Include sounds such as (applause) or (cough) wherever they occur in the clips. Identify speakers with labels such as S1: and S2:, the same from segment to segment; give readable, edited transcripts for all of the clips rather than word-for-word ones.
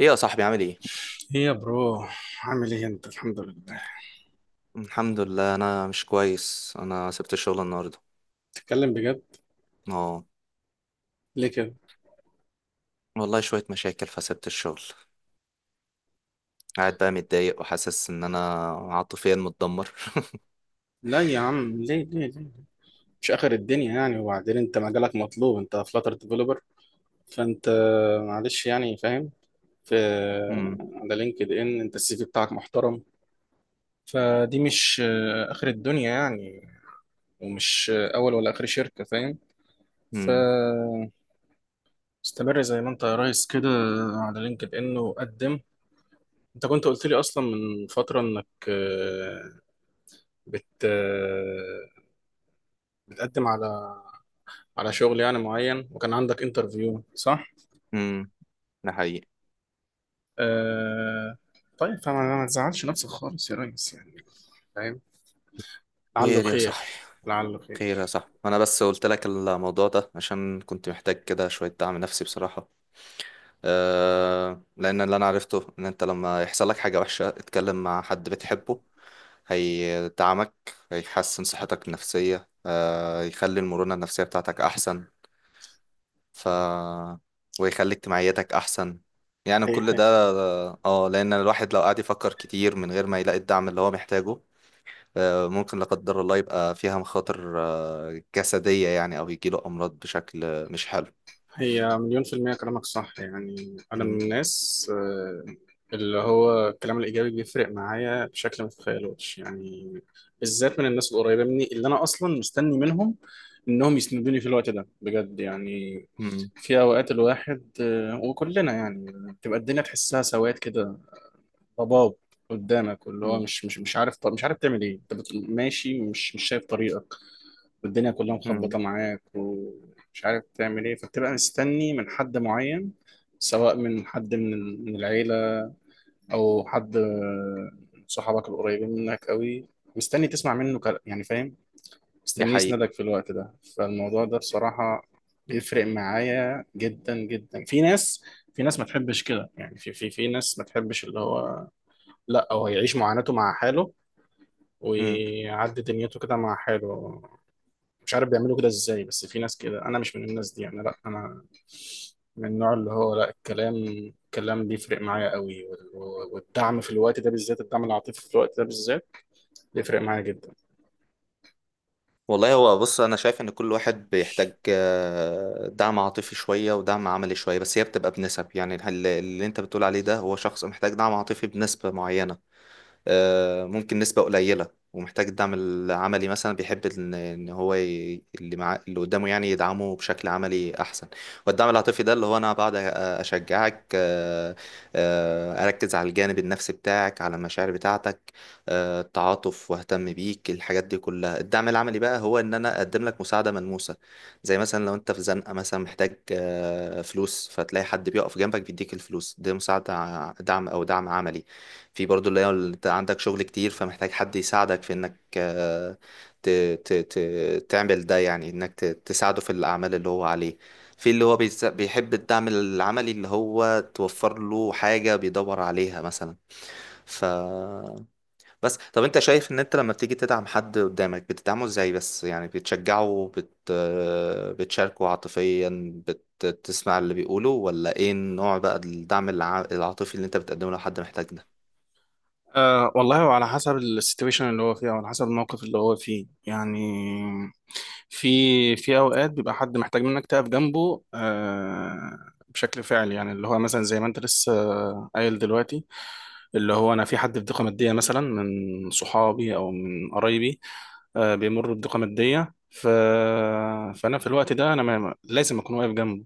S1: ايه يا صاحبي، عامل ايه؟
S2: ايه يا برو، عامل ايه انت؟ الحمد لله.
S1: الحمد لله. انا مش كويس، انا سبت الشغل النهارده.
S2: تتكلم بجد؟
S1: اه،
S2: ليه كده؟
S1: والله شويه مشاكل فسبت الشغل. قاعد بقى متضايق وحاسس ان انا عاطفيا متدمر. (laughs)
S2: لا يا عم، ليه، مش اخر الدنيا يعني. وبعدين انت مجالك مطلوب، انت فلاتر ديفلوبر، فانت معلش يعني، فاهم؟ في
S1: امم.
S2: على لينكد ان انت السي في بتاعك محترم، فدي مش اخر الدنيا يعني. ومش اول ولا اخر شركة، فاهم؟ ف
S1: امم.
S2: استمر زي ما انت يا ريس كده، على لينكد ان وقدم. انت كنت قلت لي اصلا من فترة انك بت بتقدم على شغل يعني معين، وكان عندك انترفيو، صح؟
S1: امم. ده حقيقي.
S2: آه... طيب، فما ما تزعلش نفسك خالص يا ريس يعني، فاهم؟ لعله
S1: خير يا صاحبي،
S2: خير، لعله
S1: خير يا
S2: خير.
S1: صاحبي، انا بس قلت لك الموضوع ده عشان كنت محتاج كده شويه دعم نفسي بصراحه. لان اللي انا عرفته ان انت لما يحصل لك حاجه وحشه اتكلم مع حد بتحبه هيدعمك، هيحسن صحتك النفسية، يخلي المرونة النفسية بتاعتك أحسن. ف ويخلي اجتماعياتك أحسن، يعني كل
S2: هي-
S1: ده. اه، لأن الواحد لو قعد يفكر كتير من غير ما يلاقي الدعم اللي هو محتاجه ممكن لا قدر الله يبقى فيها مخاطر جسدية، يعني أو يجيله أمراض بشكل مش حلو.
S2: هي مليون في المية كلامك صح يعني. أنا من
S1: مم.
S2: الناس، اللي هو الكلام الإيجابي بيفرق معايا بشكل ما تتخيلوش يعني، بالذات من الناس القريبة مني، اللي أنا أصلا مستني منهم إنهم يسندوني في الوقت ده بجد يعني.
S1: مم.
S2: في أوقات الواحد، وكلنا يعني، بتبقى الدنيا تحسها سواد كده، ضباب قدامك، واللي هو
S1: مم.
S2: مش عارف تعمل إيه. أنت ماشي، مش شايف طريقة، والدنيا كلها
S1: مم.
S2: مخبطة معاك ومش عارف تعمل ايه، فبتبقى مستني من حد معين، سواء من حد من من العيلة، أو حد، صحابك القريبين منك قوي، مستني تسمع منه كلام يعني، فاهم؟
S1: دي
S2: مستني
S1: حقيقة.
S2: يسندك في الوقت ده، فالموضوع ده بصراحة بيفرق معايا جدا جدا. في ناس، ما تحبش كده يعني، في في في ناس ما تحبش اللي هو، لا، هو يعيش معاناته مع حاله ويعدي دنيته كده مع حاله. مش عارف بيعملوا كده ازاي، بس في ناس كده. انا مش من الناس دي، انا لا، انا من النوع اللي هو لا، الكلام بيفرق معايا قوي، والدعم في الوقت ده بالذات، الدعم العاطفي في الوقت ده بالذات بيفرق معايا جدا.
S1: والله، هو بص، انا شايف ان كل واحد بيحتاج دعم عاطفي شويه ودعم عملي شويه، بس هي بتبقى بنسب. يعني اللي انت بتقول عليه ده هو شخص محتاج دعم عاطفي بنسبه معينه، ممكن نسبة قليلة. ومحتاج الدعم العملي مثلا، بيحب ان إن هو ي... اللي مع... اللي قدامه يعني يدعمه بشكل عملي احسن. والدعم العاطفي ده اللي هو انا بقعد اشجعك، اركز على الجانب النفسي بتاعك، على المشاعر بتاعتك، التعاطف، واهتم بيك، الحاجات دي كلها. الدعم العملي بقى هو ان انا اقدم لك مساعدة ملموسة، زي مثلا لو انت في زنقة مثلا، محتاج فلوس، فتلاقي حد بيقف جنبك بيديك الفلوس، ده مساعدة دعم، او دعم عملي. في برضو اللي هو اللي انت عندك شغل كتير، فمحتاج حد يساعدك في انك آه، ت ت ت تعمل ده، يعني انك تساعده في الاعمال اللي هو عليه. في اللي هو بيحب الدعم العملي، اللي هو توفر له حاجة بيدور عليها مثلا. ف بس طب انت شايف ان انت لما بتيجي تدعم حد قدامك بتدعمه ازاي؟ بس يعني بتشجعه، بت... آه، بتشاركه عاطفيا، بتسمع اللي بيقوله، ولا ايه النوع بقى الدعم العاطفي اللي انت بتقدمه لو حد محتاج ده؟
S2: والله، وعلى حسب السيتويشن اللي هو فيها، وعلى حسب الموقف اللي هو فيه يعني. في اوقات بيبقى حد محتاج منك تقف جنبه، بشكل فعلي يعني، اللي هو مثلا زي ما انت لسه قايل دلوقتي، اللي هو انا في حد في ضيقه ماديه مثلا من صحابي او من قرايبي، بيمر بضيقه ماديه، فانا في الوقت ده انا ما... لازم اكون واقف جنبه،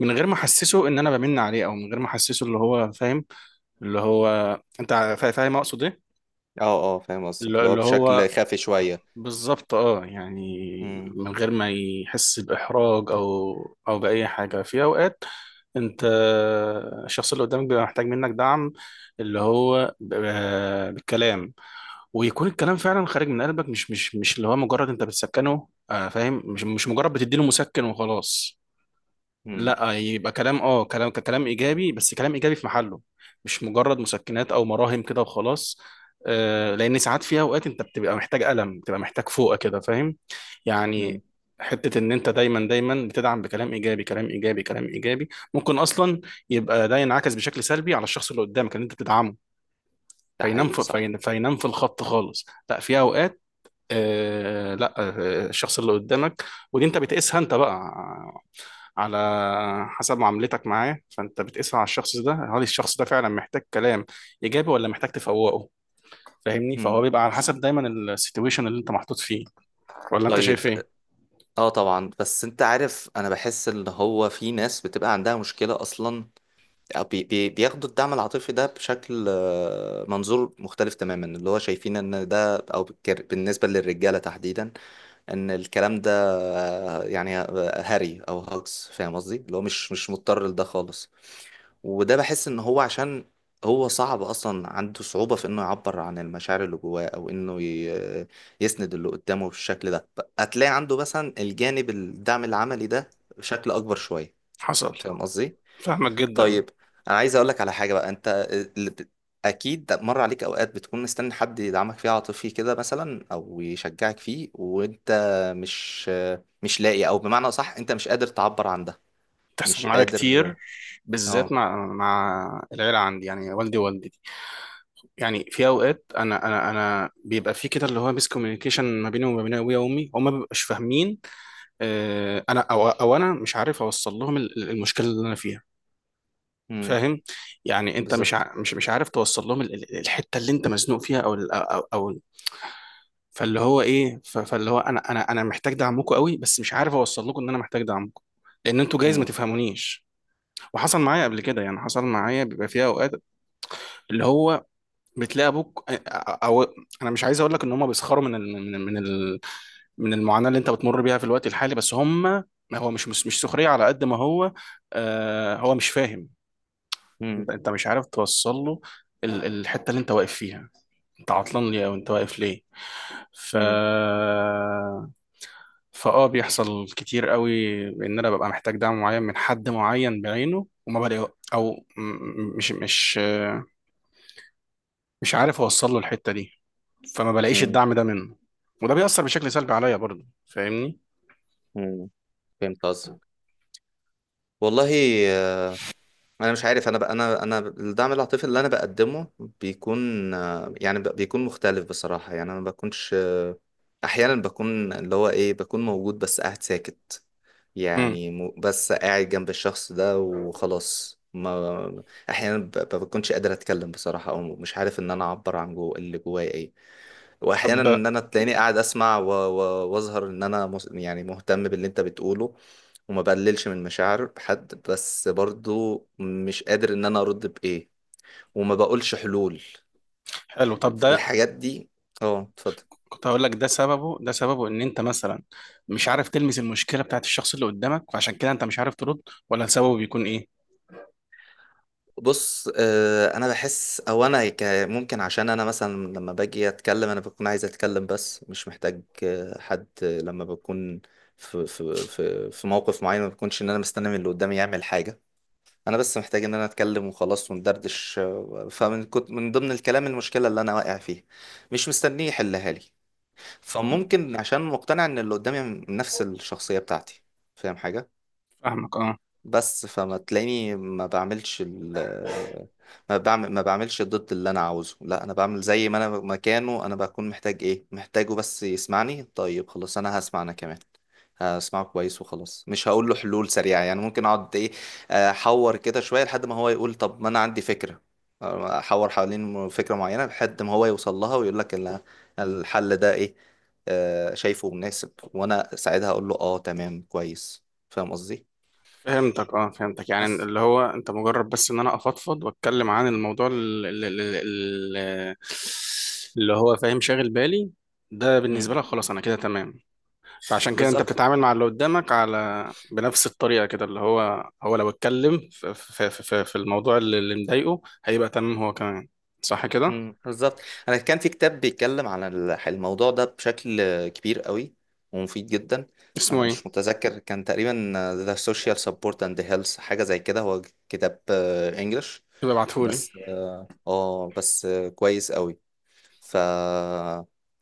S2: من غير ما احسسه ان انا بمن عليه، او من غير ما احسسه اللي هو، فاهم؟ اللي هو انت، فاهم اقصد ايه؟
S1: اه، اه، فاهم قصدك،
S2: اللي
S1: اللي هو
S2: اللي
S1: بشكل
S2: هو
S1: خافي شوية.
S2: بالظبط، اه يعني،
S1: امم.
S2: من غير ما يحس باحراج او باي حاجه. في اوقات انت، الشخص اللي قدامك بيبقى محتاج منك دعم اللي هو بالكلام، ويكون الكلام فعلا خارج من قلبك، مش اللي هو مجرد انت بتسكنه، فاهم؟ مش مجرد بتديله مسكن وخلاص.
S1: امم.
S2: لا، يبقى كلام، كلام كلام ايجابي، بس كلام ايجابي في محله، مش مجرد مسكنات او مراهم كده وخلاص. لان ساعات، في اوقات، انت بتبقى محتاج قلم، بتبقى محتاج فوقه كده، فاهم يعني؟
S1: امم.
S2: حتة ان انت دايما دايما بتدعم بكلام ايجابي كلام ايجابي كلام ايجابي، ممكن اصلا يبقى ده ينعكس بشكل سلبي على الشخص اللي قدامك اللي انت بتدعمه،
S1: ده
S2: فينام
S1: حقيقي صح.
S2: فينام في الخط خالص. لا، في اوقات، آه لا آه الشخص اللي قدامك، ودي انت بتقيسها انت بقى على حسب معاملتك معاه. فانت بتقيسها على الشخص ده، هل الشخص ده فعلا محتاج كلام ايجابي ولا محتاج تفوقه؟ فاهمني؟ فهو
S1: امم.
S2: بيبقى على حسب دايما السيتويشن اللي انت محطوط فيه. ولا انت
S1: طيب.
S2: شايف ايه؟
S1: اه، طبعا. بس انت عارف، انا بحس ان هو في ناس بتبقى عندها مشكلة اصلا، أو بي بي بياخدوا الدعم العاطفي ده بشكل منظور مختلف تماما، اللي هو شايفين ان ده، او بالنسبة للرجالة تحديدا، ان الكلام ده يعني هري او هاكس، فاهم قصدي، اللي هو مش مضطر لده خالص. وده بحس ان هو عشان هو صعب اصلا، عنده صعوبة في انه يعبر عن المشاعر اللي جواه، او انه يسند اللي قدامه بالشكل ده، هتلاقي عنده مثلا الجانب الدعم العملي ده بشكل اكبر شوية.
S2: حصل.
S1: فاهم قصدي؟
S2: فاهمك جدا.
S1: طيب. انا عايز اقول لك على حاجة بقى. انت اللي بت- اكيد مر عليك اوقات بتكون مستني حد يدعمك فيه عاطفي كده مثلا، او يشجعك فيه، وانت مش مش لاقي، او بمعنى صح انت مش قادر تعبر عن ده،
S2: تحصل
S1: مش
S2: معايا كتير،
S1: قادر.
S2: بالذات
S1: اه.
S2: مع العيله عندي يعني، والدي ووالدتي. يعني في اوقات، انا بيبقى في كده، اللي هو ميس كوميونيكيشن ما بيني وما بين ابويا وامي، هما ما بيبقاش فاهمين. انا، او او انا مش عارف اوصل لهم المشكله اللي انا فيها،
S1: امم.
S2: فاهم؟ يعني انت مش
S1: بالظبط.
S2: مش عارف توصل لهم الحته اللي انت مزنوق فيها، او ال- او او. فاللي هو ايه، فاللي هو انا محتاج دعمكم قوي، بس مش عارف اوصل لكم ان انا محتاج دعمكم، لان انتوا جايز ما تفهمونيش. وحصل معايا قبل كده يعني، حصل معايا بيبقى فيها اوقات، اللي هو بتلاقي ابوك، انا مش عايز اقول لك ان هم بيسخروا من ال من المعاناة اللي انت بتمر بيها في الوقت الحالي، بس هم، ما هو مش، سخرية على قد ما هو، هو مش فاهم. انت
S1: مم.
S2: انت مش عارف توصل له الحتة اللي انت واقف فيها، انت عطلان ليه او انت واقف ليه. ف
S1: مم.
S2: فاه بيحصل كتير قوي ان انا ببقى محتاج دعم معين من حد معين بعينه، وما بلاقي، او م- م- مش مش آه، مش عارف اوصل له الحتة دي، فما بلاقيش
S1: مم.
S2: الدعم ده منه، وده بيأثر بشكل سلبي عليا برضه، فاهمني؟
S1: مم. فهمت قصدك. والله، آه، انا مش عارف. انا بقى، انا الدعم العاطفي اللي انا بقدمه بيكون يعني بيكون مختلف بصراحه. يعني انا ما بكونش، احيانا بكون، اللي هو ايه، بكون موجود بس قاعد ساكت،
S2: مم.
S1: يعني بس قاعد جنب الشخص ده وخلاص. ما احيانا بكونش قادر اتكلم بصراحه، او مش عارف ان انا اعبر عن جو اللي جوايا ايه. واحيانا
S2: طب،
S1: ان انا تلاقيني قاعد اسمع واظهر ان انا يعني مهتم باللي انت بتقوله، وما بقللش من مشاعر حد، بس برضو مش قادر ان انا ارد بايه، وما بقولش حلول،
S2: حلو، طب ده،
S1: الحاجات دي. اه، اتفضل.
S2: كنت هقول لك، ده سببه ان انت مثلا مش عارف تلمس المشكله بتاعت الشخص اللي قدامك، فعشان كده انت مش عارف ترد، ولا سببه بيكون ايه؟
S1: بص، انا بحس، او ممكن عشان انا مثلا، لما باجي اتكلم انا بكون عايز اتكلم بس مش محتاج حد. لما بكون في موقف معين، ما بكونش ان انا مستني من اللي قدامي يعمل حاجة. انا بس محتاج ان انا اتكلم وخلاص، وندردش، فمن كنت من ضمن الكلام المشكله اللي انا واقع فيها، مش مستنيه يحلها لي. فممكن عشان مقتنع ان اللي قدامي من نفس الشخصيه بتاعتي، فاهم حاجه؟
S2: فاهمك. اه
S1: بس فما تلاقيني ما بعملش ما بعمل، ما بعملش ضد اللي انا عاوزه. لا، انا بعمل زي ما انا مكانه، انا بكون محتاج ايه محتاجه، بس يسمعني، طيب خلاص انا هسمع انا كمان، هسمعه كويس وخلاص. مش هقول له حلول سريعة، يعني ممكن اقعد ايه، احور كده شوية لحد ما هو يقول طب ما انا عندي فكرة. احور حوالين فكرة معينة لحد ما هو يوصل لها، ويقول لك الحل ده ايه، شايفه مناسب، وانا ساعتها اقول له اه تمام كويس. فاهم قصدي؟
S2: فهمتك، يعني
S1: بس.
S2: اللي هو انت مجرد بس ان انا افضفض واتكلم عن الموضوع ال- اللي هو، فاهم، شاغل بالي، ده بالنسبه
S1: مم.
S2: لك خلاص انا كده تمام. فعشان كده انت
S1: بالظبط.
S2: بتتعامل مع اللي قدامك على بنفس الطريقه كده، اللي هو لو اتكلم في الموضوع اللي مضايقه، هيبقى تمام هو كمان، صح كده؟
S1: مم. بالظبط. انا كان في كتاب بيتكلم عن الموضوع ده بشكل كبير قوي ومفيد جدا.
S2: اسمه
S1: انا
S2: ايه؟
S1: مش متذكر، كان تقريبا The Social Support and the Health، حاجه زي كده. هو كتاب انجلش
S2: يبقى ابعتهولي.
S1: بس. اه، بس كويس قوي. ف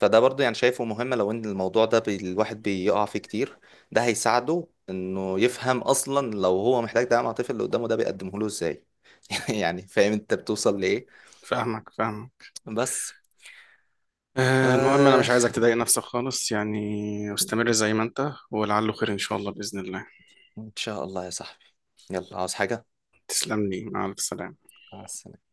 S1: فده برضو يعني شايفه مهم، لو ان الموضوع ده الواحد بيقع فيه كتير، ده هيساعده انه يفهم اصلا لو هو محتاج دعم عاطفي، اللي قدامه ده بيقدمه له ازاي. (laughs) يعني فاهم انت بتوصل لايه؟
S2: فاهمك.
S1: بس.
S2: المهم انا
S1: آه
S2: مش عايزك تضايق نفسك خالص يعني، استمر زي ما انت، ولعله خير ان شاء الله، باذن الله.
S1: إن شاء الله يا صاحبي. يلا، عاوز حاجة؟
S2: تسلم لي، مع الف سلامه.
S1: مع السلامة.